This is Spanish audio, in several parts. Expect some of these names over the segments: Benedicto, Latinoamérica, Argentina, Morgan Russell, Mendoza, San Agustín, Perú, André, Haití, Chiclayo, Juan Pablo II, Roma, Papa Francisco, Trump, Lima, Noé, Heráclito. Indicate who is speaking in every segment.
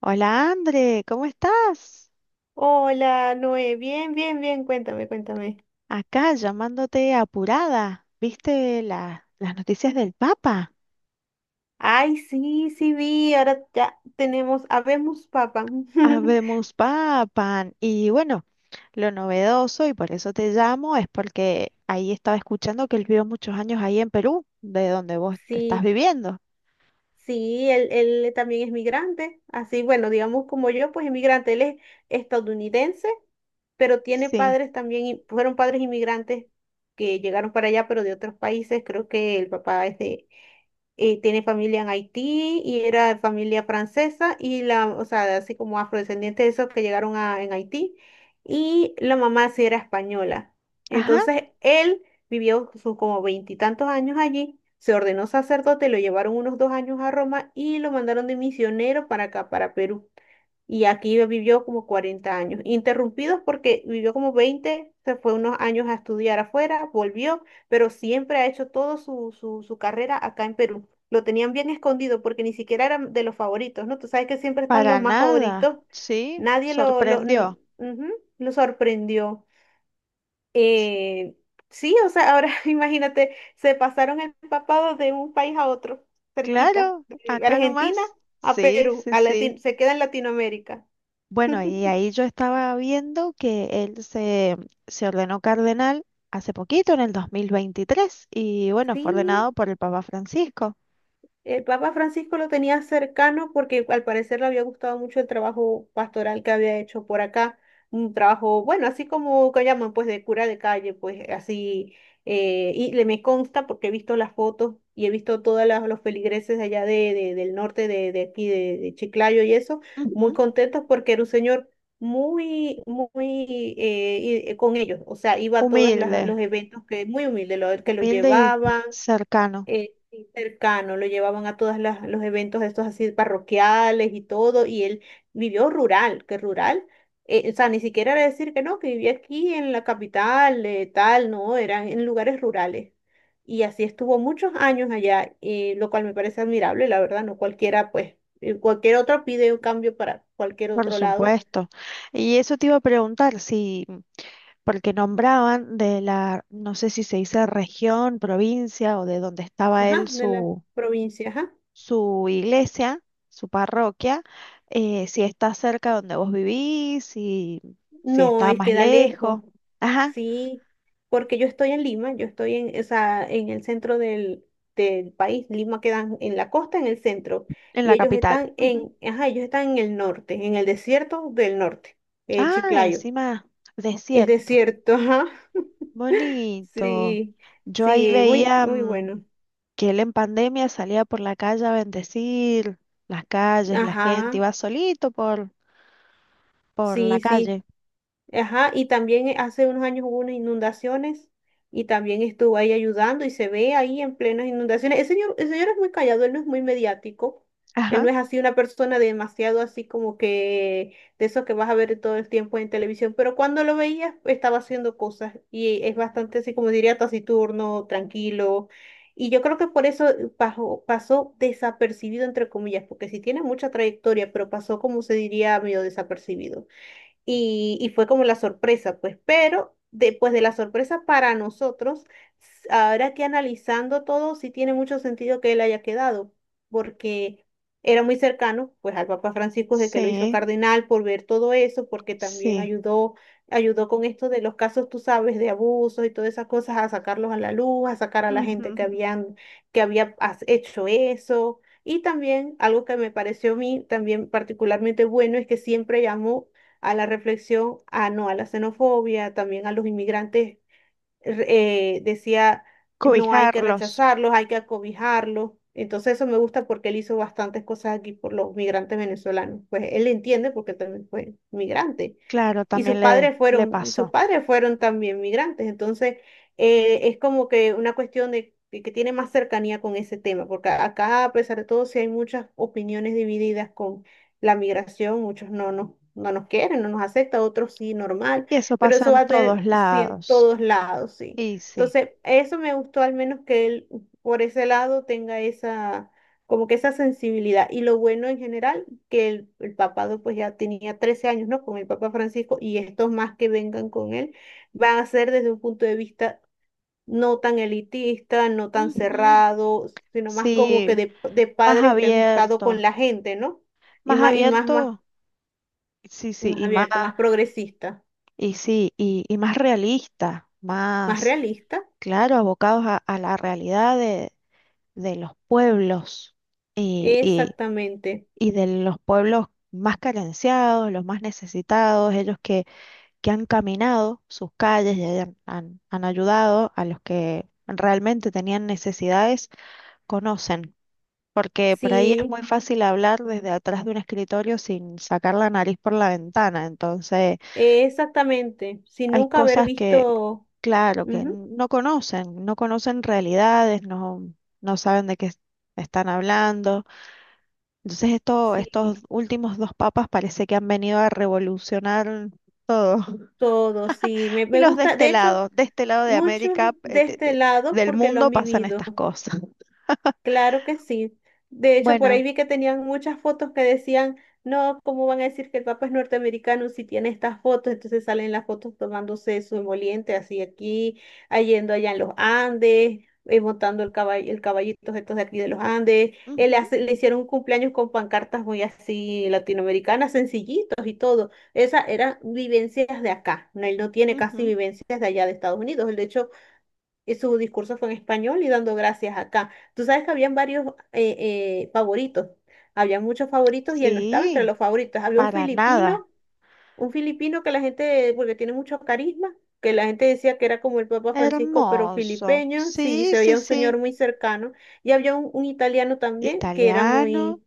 Speaker 1: Hola André, ¿cómo estás?
Speaker 2: Hola, Noé. Bien, bien, bien. Cuéntame, cuéntame.
Speaker 1: Acá llamándote apurada. ¿Viste las noticias del Papa?
Speaker 2: Ay, sí, sí vi. Ahora ya tenemos habemos papa.
Speaker 1: Habemos Papan. Y bueno, lo novedoso, y por eso te llamo, es porque ahí estaba escuchando que él vivió muchos años ahí en Perú, de donde vos te estás
Speaker 2: Sí,
Speaker 1: viviendo.
Speaker 2: sí, él también es migrante. Así, bueno, digamos como yo, pues inmigrante. Él es estadounidense, pero tiene
Speaker 1: Sí.
Speaker 2: padres también, fueron padres inmigrantes que llegaron para allá, pero de otros países. Creo que el papá es de tiene familia en Haití y era familia francesa y o sea, así como afrodescendientes de esos que llegaron en Haití y la mamá sí era española.
Speaker 1: Ajá,
Speaker 2: Entonces él vivió sus como veintitantos años allí, se ordenó sacerdote, lo llevaron unos 2 años a Roma y lo mandaron de misionero para acá, para Perú. Y aquí vivió como 40 años, interrumpidos porque vivió como 20 se fue unos años a estudiar afuera, volvió, pero siempre ha hecho toda su carrera acá en Perú. Lo tenían bien escondido porque ni siquiera eran de los favoritos, ¿no? Tú sabes que siempre están los
Speaker 1: para
Speaker 2: más favoritos.
Speaker 1: nada. Sí,
Speaker 2: Nadie,
Speaker 1: sorprendió.
Speaker 2: ujú, lo sorprendió. Eh, sí, o sea, ahora, imagínate, se pasaron empapados de un país a otro, cerquita,
Speaker 1: Claro,
Speaker 2: de
Speaker 1: acá
Speaker 2: Argentina
Speaker 1: nomás.
Speaker 2: a
Speaker 1: Sí,
Speaker 2: Perú,
Speaker 1: sí, sí.
Speaker 2: Se queda en Latinoamérica.
Speaker 1: Bueno, y ahí yo estaba viendo que se ordenó cardenal hace poquito, en el 2023 y bueno, fue
Speaker 2: Sí,
Speaker 1: ordenado por el Papa Francisco.
Speaker 2: el Papa Francisco lo tenía cercano porque al parecer le había gustado mucho el trabajo pastoral que había hecho por acá. Un trabajo, bueno, así como que llaman, pues de cura de calle, pues así. Y le me consta porque he visto las fotos y he visto todos los feligreses de allá del norte, de aquí, de Chiclayo y eso, muy
Speaker 1: Ujú.
Speaker 2: contentos porque era un señor muy, muy, con ellos. O sea, iba a todos
Speaker 1: Humilde,
Speaker 2: los eventos que, muy humilde, que los
Speaker 1: humilde y
Speaker 2: llevaban,
Speaker 1: cercano,
Speaker 2: sí, cercano, lo llevaban a todos los eventos estos así parroquiales y todo, y él vivió rural, que rural, o sea, ni siquiera era decir que no, que vivía aquí en la capital, tal, no, era en lugares rurales. Y así estuvo muchos años allá, lo cual me parece admirable, la verdad, no cualquiera, pues, cualquier otro pide un cambio para cualquier
Speaker 1: por
Speaker 2: otro lado,
Speaker 1: supuesto. Y eso te iba a preguntar si, porque nombraban de la, no sé si se dice región, provincia o de donde
Speaker 2: ajá, de la provincia, ajá.
Speaker 1: su iglesia, su parroquia, si está cerca de donde vos vivís, si, si
Speaker 2: No,
Speaker 1: está
Speaker 2: es
Speaker 1: más
Speaker 2: queda lejos.
Speaker 1: lejos. Ajá,
Speaker 2: Sí, porque yo estoy en Lima, yo estoy en, o sea, en el centro del país. Lima queda en la costa, en el centro,
Speaker 1: en
Speaker 2: y
Speaker 1: la
Speaker 2: ellos
Speaker 1: capital.
Speaker 2: están
Speaker 1: Ujú.
Speaker 2: en, ajá, ellos están en el norte, en el desierto del norte, en
Speaker 1: Ah,
Speaker 2: Chiclayo.
Speaker 1: encima,
Speaker 2: Es
Speaker 1: desierto.
Speaker 2: desierto, ajá.
Speaker 1: Bonito.
Speaker 2: Sí,
Speaker 1: Yo ahí
Speaker 2: sí, muy,
Speaker 1: veía
Speaker 2: muy bueno.
Speaker 1: que él en pandemia salía por la calle a bendecir las calles, la gente,
Speaker 2: Ajá,
Speaker 1: por la
Speaker 2: sí, sí.
Speaker 1: calle.
Speaker 2: Ajá, y también, hace unos años hubo unas inundaciones y también estuvo ahí ayudando y se ve ahí en plenas inundaciones. El señor es muy callado, él no es muy mediático, él
Speaker 1: Ajá,
Speaker 2: no es así una persona demasiado así como que de eso que vas a ver todo el tiempo en televisión, pero cuando lo veías estaba haciendo cosas y es bastante así como diría taciturno, tranquilo. Y yo creo que por eso, pasó desapercibido, entre comillas, porque si tiene mucha trayectoria, pero pasó como se diría medio desapercibido y fue como la sorpresa, pues, pero después de la sorpresa para nosotros, ahora que analizando todo, sí tiene mucho sentido que él haya quedado, porque era muy cercano, pues, al Papa Francisco de que lo hizo
Speaker 1: sí,
Speaker 2: cardenal por ver todo eso, porque también
Speaker 1: sí.
Speaker 2: ayudó con esto de los casos, tú sabes, de abusos y todas esas cosas, a sacarlos a la luz, a sacar a la gente
Speaker 1: Ujú.
Speaker 2: que había hecho eso. Y también algo que me pareció a mí también particularmente bueno es que siempre llamó a la reflexión, a no a la xenofobia, también a los inmigrantes, decía, no hay que
Speaker 1: Cobijarlos.
Speaker 2: rechazarlos, hay que acobijarlos. Entonces eso me gusta porque él hizo bastantes cosas aquí por los migrantes venezolanos. Pues él entiende porque también fue migrante
Speaker 1: Claro,
Speaker 2: y sus
Speaker 1: también
Speaker 2: padres
Speaker 1: le
Speaker 2: fueron, sus
Speaker 1: pasó.
Speaker 2: padres fueron también migrantes. Entonces, es como que una cuestión de que tiene más cercanía con ese tema, porque acá, a pesar de todo, sí hay muchas opiniones divididas con la migración, muchos no nos quieren, no nos aceptan, otros sí, normal,
Speaker 1: Y eso
Speaker 2: pero
Speaker 1: pasa
Speaker 2: eso
Speaker 1: en
Speaker 2: va a tener,
Speaker 1: todos
Speaker 2: sí, en
Speaker 1: lados.
Speaker 2: todos lados, sí.
Speaker 1: Y sí.
Speaker 2: Entonces, eso me gustó al menos que él por ese lado tenga esa, como que esa sensibilidad. Y lo bueno en general que el papado pues ya tenía 13 años, ¿no? Con el Papa Francisco y estos más que vengan con él van a ser desde un punto de vista no tan elitista, no tan
Speaker 1: Ujú.
Speaker 2: cerrado, sino más como que
Speaker 1: Sí,
Speaker 2: de
Speaker 1: más
Speaker 2: padres que han estado con
Speaker 1: abierto.
Speaker 2: la gente, ¿no?
Speaker 1: Más
Speaker 2: Y más, más,
Speaker 1: abierto, sí, sí,
Speaker 2: más
Speaker 1: y más,
Speaker 2: abierto, más progresista,
Speaker 1: y sí, y más realista,
Speaker 2: más
Speaker 1: más,
Speaker 2: realista.
Speaker 1: claro, a la realidad de los pueblos y, y,
Speaker 2: Exactamente.
Speaker 1: y de los pueblos más carenciados, los más necesitados, ellos que han caminado sus calles y han ayudado a los que realmente tenían necesidades conocen, porque por ahí es
Speaker 2: Sí,
Speaker 1: muy fácil hablar desde atrás de un escritorio sin sacar la nariz por la ventana. Entonces,
Speaker 2: exactamente. Sin
Speaker 1: hay
Speaker 2: nunca haber
Speaker 1: cosas que,
Speaker 2: visto,
Speaker 1: claro, que
Speaker 2: ujú,
Speaker 1: no conocen, no conocen realidades, no, no saben están hablando. Entonces,
Speaker 2: sí,
Speaker 1: estos últimos dos papas parece que han venido a revolucionar todo.
Speaker 2: todo, sí. Me,
Speaker 1: Y
Speaker 2: me
Speaker 1: los de
Speaker 2: gusta,
Speaker 1: este
Speaker 2: de hecho.
Speaker 1: lado, de este lado de
Speaker 2: Muchos
Speaker 1: América,
Speaker 2: de este lado
Speaker 1: del
Speaker 2: porque lo
Speaker 1: mundo
Speaker 2: han
Speaker 1: pasan
Speaker 2: vivido,
Speaker 1: estas cosas.
Speaker 2: claro que sí. De hecho, por ahí
Speaker 1: Bueno,
Speaker 2: vi que tenían muchas fotos que decían, no, ¿cómo van a decir que el Papa es norteamericano si tiene estas fotos? Entonces salen las fotos tomándose su emoliente así aquí, ah, yendo allá en los Andes, montando el caballo, el caballito estos de aquí de los Andes. Él
Speaker 1: ujú,
Speaker 2: le hicieron un cumpleaños con pancartas muy así latinoamericanas, sencillitos y todo. Esas eran vivencias de acá. No, él no tiene casi
Speaker 1: ujú,
Speaker 2: vivencias de allá de Estados Unidos. De hecho, y su discurso fue en español y dando gracias acá. Tú sabes que habían varios eh, favoritos, había muchos favoritos y él no estaba entre
Speaker 1: sí.
Speaker 2: los favoritos. Había un
Speaker 1: Para nada.
Speaker 2: filipino, un filipino que la gente, porque tiene mucho carisma, que la gente decía que era como el Papa Francisco, pero
Speaker 1: Hermoso.
Speaker 2: filipeño, sí,
Speaker 1: Sí,
Speaker 2: se veía
Speaker 1: sí,
Speaker 2: un señor
Speaker 1: sí.
Speaker 2: muy cercano. Y había un italiano también que era
Speaker 1: Italiano,
Speaker 2: muy,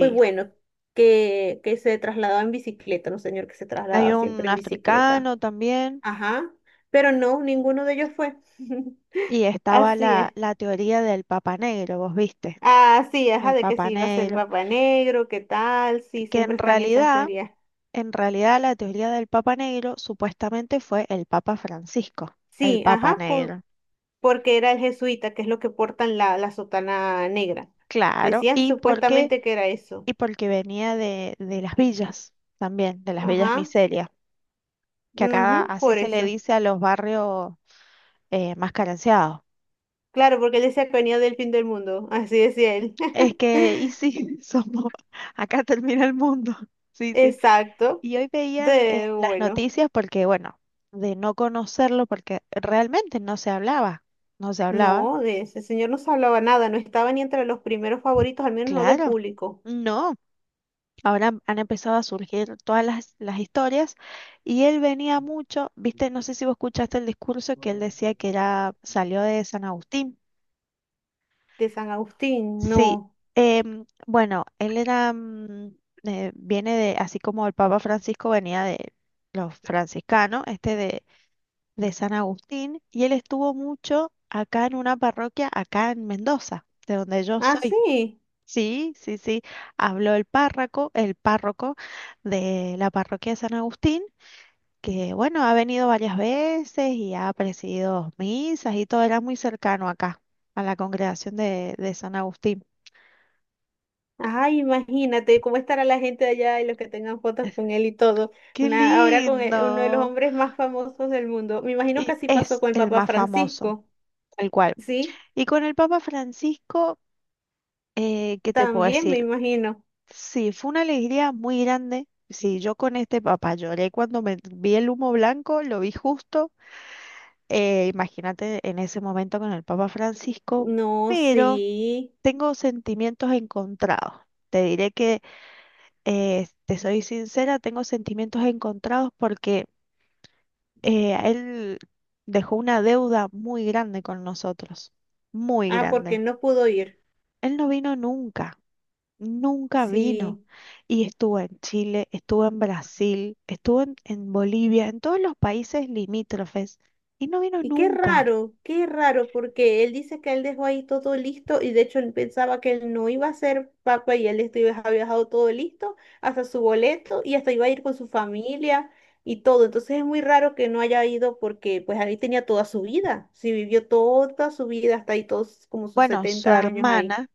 Speaker 2: muy bueno, que se trasladaba en bicicleta, un señor que se
Speaker 1: Hay
Speaker 2: trasladaba
Speaker 1: un
Speaker 2: siempre en bicicleta.
Speaker 1: africano también.
Speaker 2: Ajá, pero no, ninguno de ellos fue.
Speaker 1: Y estaba
Speaker 2: Así es.
Speaker 1: la teoría del Papa Negro, vos viste,
Speaker 2: Ah, sí, ajá,
Speaker 1: el
Speaker 2: de que si
Speaker 1: Papa
Speaker 2: iba a ser
Speaker 1: Negro,
Speaker 2: Papá Negro, qué tal, sí,
Speaker 1: que
Speaker 2: siempre están esas teorías.
Speaker 1: en realidad la teoría del Papa Negro supuestamente fue el Papa Francisco, el
Speaker 2: Sí,
Speaker 1: Papa
Speaker 2: ajá,
Speaker 1: Negro.
Speaker 2: porque era el jesuita, que es lo que portan la sotana negra.
Speaker 1: Claro,
Speaker 2: Decían
Speaker 1: ¿y porque
Speaker 2: supuestamente que era eso.
Speaker 1: y porque venía de las villas también, de las villas
Speaker 2: Ajá,
Speaker 1: miserias, que acá
Speaker 2: ujú,
Speaker 1: así
Speaker 2: por
Speaker 1: se le
Speaker 2: eso.
Speaker 1: dice a los barrios más carenciados.
Speaker 2: Claro, porque él decía que venía del fin del mundo, así decía él.
Speaker 1: Es que, y sí, somos, acá termina el mundo. Sí, sí.
Speaker 2: Exacto.
Speaker 1: Y hoy veían las
Speaker 2: Bueno,
Speaker 1: noticias porque, bueno, de no conocerlo, porque realmente no se hablaba, no se hablaba,
Speaker 2: no, de ese señor no se hablaba nada, no estaba ni entre los primeros favoritos, al menos no del
Speaker 1: claro.
Speaker 2: público,
Speaker 1: No, ahora han empezado a surgir todas las historias y él venía mucho, viste, no sé si vos escuchaste el discurso que él decía que era, salió de San Agustín.
Speaker 2: de San Agustín,
Speaker 1: Sí,
Speaker 2: no.
Speaker 1: bueno, viene de, así como el Papa Francisco venía de los franciscanos, de San Agustín, y él estuvo mucho acá en una parroquia, acá en Mendoza, de donde yo
Speaker 2: Ah,
Speaker 1: soy.
Speaker 2: sí.
Speaker 1: Sí, sí, sí, habló el párroco de la parroquia de San Agustín, que bueno, ha venido varias veces y ha presidido misas y todo, era muy cercano acá, a la congregación de San Agustín.
Speaker 2: Ay, imagínate cómo estará la gente de allá y los que tengan fotos con él y todo.
Speaker 1: Qué
Speaker 2: Ahora con uno de los
Speaker 1: lindo.
Speaker 2: hombres más famosos del mundo. Me imagino que
Speaker 1: Y
Speaker 2: así pasó
Speaker 1: es
Speaker 2: con el
Speaker 1: el
Speaker 2: Papa
Speaker 1: más famoso,
Speaker 2: Francisco.
Speaker 1: tal cual.
Speaker 2: Sí,
Speaker 1: Y con el Papa Francisco, ¿qué te puedo
Speaker 2: también me
Speaker 1: decir?
Speaker 2: imagino.
Speaker 1: Sí, fue una alegría muy grande. Sí, yo con este papá lloré cuando me vi el humo blanco, lo vi justo. Imagínate en ese momento con el Papa Francisco,
Speaker 2: No,
Speaker 1: pero
Speaker 2: sí.
Speaker 1: tengo sentimientos encontrados. Te diré que, te soy sincera, tengo sentimientos encontrados porque él dejó una deuda muy grande con nosotros, muy
Speaker 2: Ah, porque
Speaker 1: grande.
Speaker 2: él no pudo ir.
Speaker 1: Él no vino nunca, nunca vino.
Speaker 2: Sí.
Speaker 1: Y estuvo en Chile, estuvo en Brasil, estuvo en Bolivia, en todos los países limítrofes, y no vino
Speaker 2: Y
Speaker 1: nunca.
Speaker 2: qué raro, porque él dice que él dejó ahí todo listo y de hecho él pensaba que él no iba a ser papa y él había dejado todo listo, hasta su boleto y hasta iba a ir con su familia y todo. Entonces es muy raro que no haya ido porque pues ahí tenía toda su vida, sí vivió toda su vida hasta ahí todos como sus
Speaker 1: Bueno,
Speaker 2: 70 años ahí.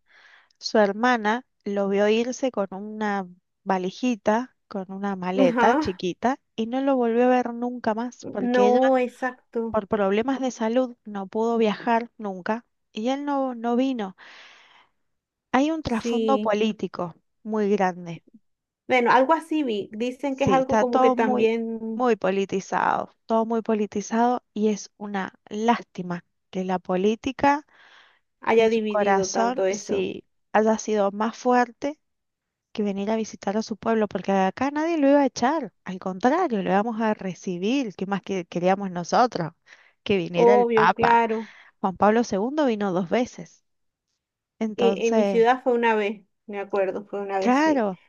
Speaker 1: su hermana lo vio irse con una valijita, con una maleta
Speaker 2: Ajá.
Speaker 1: chiquita, y no lo volvió a ver nunca más, porque ella
Speaker 2: No, exacto.
Speaker 1: por problemas de salud no pudo viajar nunca y él no, no vino. Hay un trasfondo
Speaker 2: Sí.
Speaker 1: político muy grande.
Speaker 2: Bueno, algo así vi. Dicen que es
Speaker 1: Sí,
Speaker 2: algo
Speaker 1: está
Speaker 2: como que
Speaker 1: todo muy,
Speaker 2: también
Speaker 1: muy politizado, todo muy politizado y es una lástima que la política
Speaker 2: haya
Speaker 1: en su
Speaker 2: dividido
Speaker 1: corazón
Speaker 2: tanto eso.
Speaker 1: sí haya sido más fuerte que venir a visitar a su pueblo, porque acá nadie lo iba a echar, al contrario, lo íbamos a recibir, ¿qué más que queríamos nosotros? Que viniera el
Speaker 2: Obvio,
Speaker 1: Papa.
Speaker 2: claro.
Speaker 1: Juan Pablo II vino dos veces.
Speaker 2: En mi
Speaker 1: Entonces,
Speaker 2: ciudad fue una vez, me acuerdo, fue una vez, sí.
Speaker 1: claro,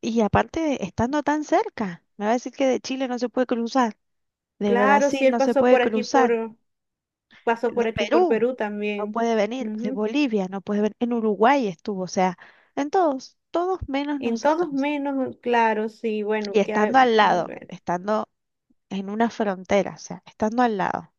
Speaker 1: y aparte estando tan cerca, me va a decir que de Chile no se puede cruzar, de
Speaker 2: Claro, sí,
Speaker 1: Brasil
Speaker 2: él
Speaker 1: no se
Speaker 2: pasó
Speaker 1: puede
Speaker 2: por aquí
Speaker 1: cruzar,
Speaker 2: por, pasó
Speaker 1: de
Speaker 2: por aquí por
Speaker 1: Perú
Speaker 2: Perú
Speaker 1: no
Speaker 2: también.
Speaker 1: puede venir, de
Speaker 2: Ujú.
Speaker 1: Bolivia no puede venir, en Uruguay estuvo, o sea, en todos, todos menos
Speaker 2: En todos
Speaker 1: nosotros.
Speaker 2: menos, claro, sí,
Speaker 1: Y
Speaker 2: bueno, que a,
Speaker 1: estando al lado,
Speaker 2: bueno,
Speaker 1: estando en una frontera, o sea, estando al lado.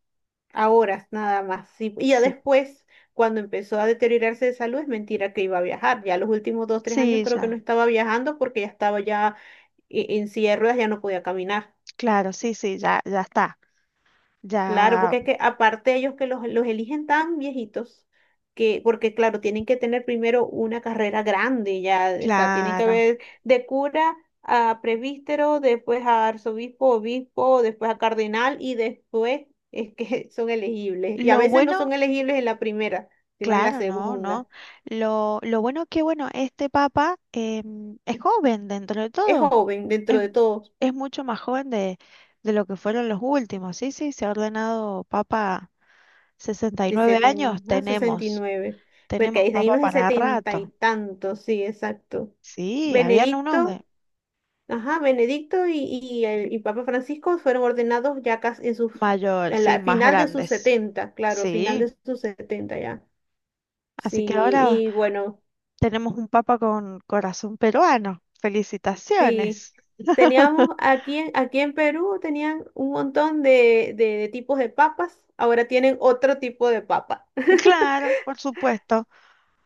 Speaker 2: a horas nada más. Sí. Y ya
Speaker 1: Sí,
Speaker 2: después, cuando empezó a deteriorarse de salud, es mentira que iba a viajar. Ya los últimos dos, tres años
Speaker 1: sí,
Speaker 2: creo que no
Speaker 1: ya,
Speaker 2: estaba viajando porque ya estaba en silla de ruedas, ya no podía caminar.
Speaker 1: claro, sí, sí, ya, ya está,
Speaker 2: Claro,
Speaker 1: ya,
Speaker 2: porque es que aparte ellos que los eligen tan viejitos, porque claro, tienen que tener primero una carrera grande ya, o sea, tienen que
Speaker 1: claro.
Speaker 2: haber de cura a presbítero, después a arzobispo, obispo, después a cardenal y después es que son elegibles. Y a
Speaker 1: Lo
Speaker 2: veces no
Speaker 1: bueno
Speaker 2: son elegibles en la primera, sino en la
Speaker 1: claro, no, no.
Speaker 2: segunda.
Speaker 1: Lo bueno que, bueno, este papa es joven dentro de
Speaker 2: Es
Speaker 1: todo.
Speaker 2: joven dentro
Speaker 1: Es,
Speaker 2: de todos,
Speaker 1: es mucho más joven de lo que fueron los últimos. Sí, sí, se ha ordenado papa
Speaker 2: de
Speaker 1: 69 años.
Speaker 2: 70, a sesenta y
Speaker 1: Tenemos,
Speaker 2: nueve porque
Speaker 1: tenemos
Speaker 2: ahí hay
Speaker 1: papa
Speaker 2: unos de
Speaker 1: para
Speaker 2: setenta y
Speaker 1: rato.
Speaker 2: tantos, sí, exacto.
Speaker 1: Sí, habían unos de
Speaker 2: Benedicto. Ajá, Benedicto y Papa Francisco fueron ordenados ya casi
Speaker 1: mayor,
Speaker 2: en
Speaker 1: sí,
Speaker 2: la
Speaker 1: más
Speaker 2: final de sus
Speaker 1: grandes.
Speaker 2: setenta, claro, final de
Speaker 1: Sí,
Speaker 2: sus 70 ya.
Speaker 1: así que
Speaker 2: Sí,
Speaker 1: ahora
Speaker 2: y bueno,
Speaker 1: tenemos un papa con corazón peruano.
Speaker 2: sí,
Speaker 1: Felicitaciones.
Speaker 2: teníamos aquí, aquí en Perú tenían un montón de tipos de papas, ahora tienen otro tipo de papa.
Speaker 1: Claro, por supuesto.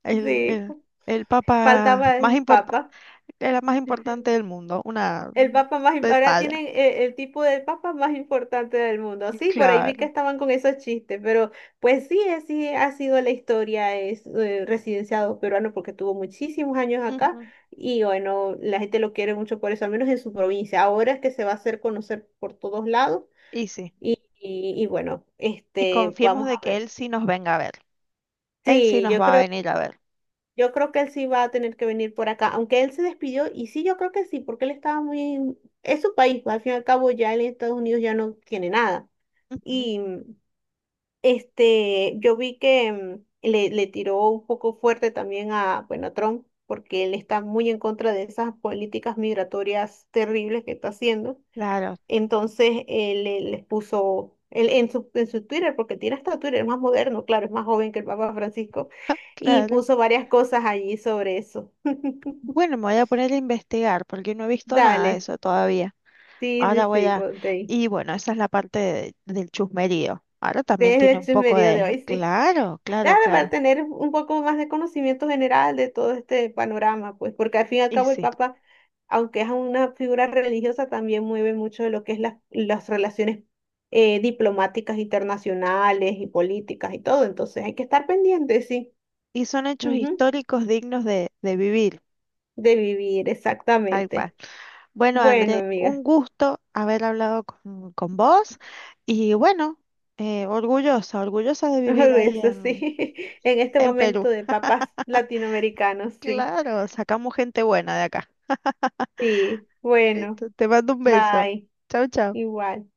Speaker 1: El,
Speaker 2: Sí,
Speaker 1: el, el papa
Speaker 2: faltaba
Speaker 1: más
Speaker 2: el
Speaker 1: importante,
Speaker 2: papa.
Speaker 1: era más importante del mundo, una
Speaker 2: El papa más,
Speaker 1: de
Speaker 2: ahora
Speaker 1: talla.
Speaker 2: tienen, el tipo del papa más importante del mundo. Sí, por ahí vi que
Speaker 1: Claro.
Speaker 2: estaban con esos chistes, pero pues sí, así ha sido la historia, es, residenciado peruano porque tuvo muchísimos años acá
Speaker 1: Ujú.
Speaker 2: y bueno, la gente lo quiere mucho por eso, al menos en su provincia. Ahora es que se va a hacer conocer por todos lados
Speaker 1: Y sí.
Speaker 2: y bueno,
Speaker 1: Y
Speaker 2: este,
Speaker 1: confiemos
Speaker 2: vamos
Speaker 1: de
Speaker 2: a
Speaker 1: que
Speaker 2: ver.
Speaker 1: él sí nos venga a ver. Él sí
Speaker 2: Sí,
Speaker 1: nos
Speaker 2: yo
Speaker 1: va a
Speaker 2: creo
Speaker 1: venir a ver.
Speaker 2: Yo creo que él sí va a tener que venir por acá, aunque él se despidió, y sí, yo creo que sí, porque él estaba muy... Es su país, pues, al fin y al cabo ya en Estados Unidos ya no tiene nada.
Speaker 1: Ujú.
Speaker 2: Y, este, yo vi que, le tiró un poco fuerte también bueno, a Trump, porque él está muy en contra de esas políticas migratorias terribles que está haciendo.
Speaker 1: Claro,
Speaker 2: Entonces él les puso en su Twitter, porque tiene hasta Twitter, es más moderno, claro, es más joven que el Papa Francisco, y
Speaker 1: claro.
Speaker 2: puso varias cosas allí sobre eso.
Speaker 1: Bueno, me voy a poner a investigar porque no he visto nada de
Speaker 2: Dale,
Speaker 1: eso todavía.
Speaker 2: sí,
Speaker 1: Ahora
Speaker 2: sí,
Speaker 1: voy
Speaker 2: sí,
Speaker 1: a...
Speaker 2: ponte ahí.
Speaker 1: Y bueno, esa es la parte del chusmerío. Ahora también
Speaker 2: Desde
Speaker 1: tiene
Speaker 2: el
Speaker 1: un poco
Speaker 2: chismerío de
Speaker 1: de...
Speaker 2: hoy, sí.
Speaker 1: Claro, claro,
Speaker 2: Claro,
Speaker 1: claro.
Speaker 2: para tener un poco más de conocimiento general de todo este panorama, pues, porque al fin y al
Speaker 1: Y
Speaker 2: cabo el
Speaker 1: sí.
Speaker 2: Papa, aunque es una figura religiosa, también mueve mucho de lo que es las relaciones, diplomáticas internacionales y políticas y todo. Entonces hay que estar pendiente, sí,
Speaker 1: Y son hechos
Speaker 2: ujú,
Speaker 1: históricos dignos de vivir,
Speaker 2: de vivir,
Speaker 1: tal cual.
Speaker 2: exactamente.
Speaker 1: Bueno,
Speaker 2: Bueno,
Speaker 1: André, un
Speaker 2: amiga,
Speaker 1: gusto haber hablado con vos y bueno, orgullosa, orgullosa de vivir ahí
Speaker 2: eso sí, en este
Speaker 1: en
Speaker 2: momento
Speaker 1: Perú.
Speaker 2: de papas latinoamericanos, sí,
Speaker 1: Claro, sacamos gente buena de acá.
Speaker 2: sí, bueno,
Speaker 1: Listo, te mando un beso.
Speaker 2: bye,
Speaker 1: Chau, chau.
Speaker 2: igual.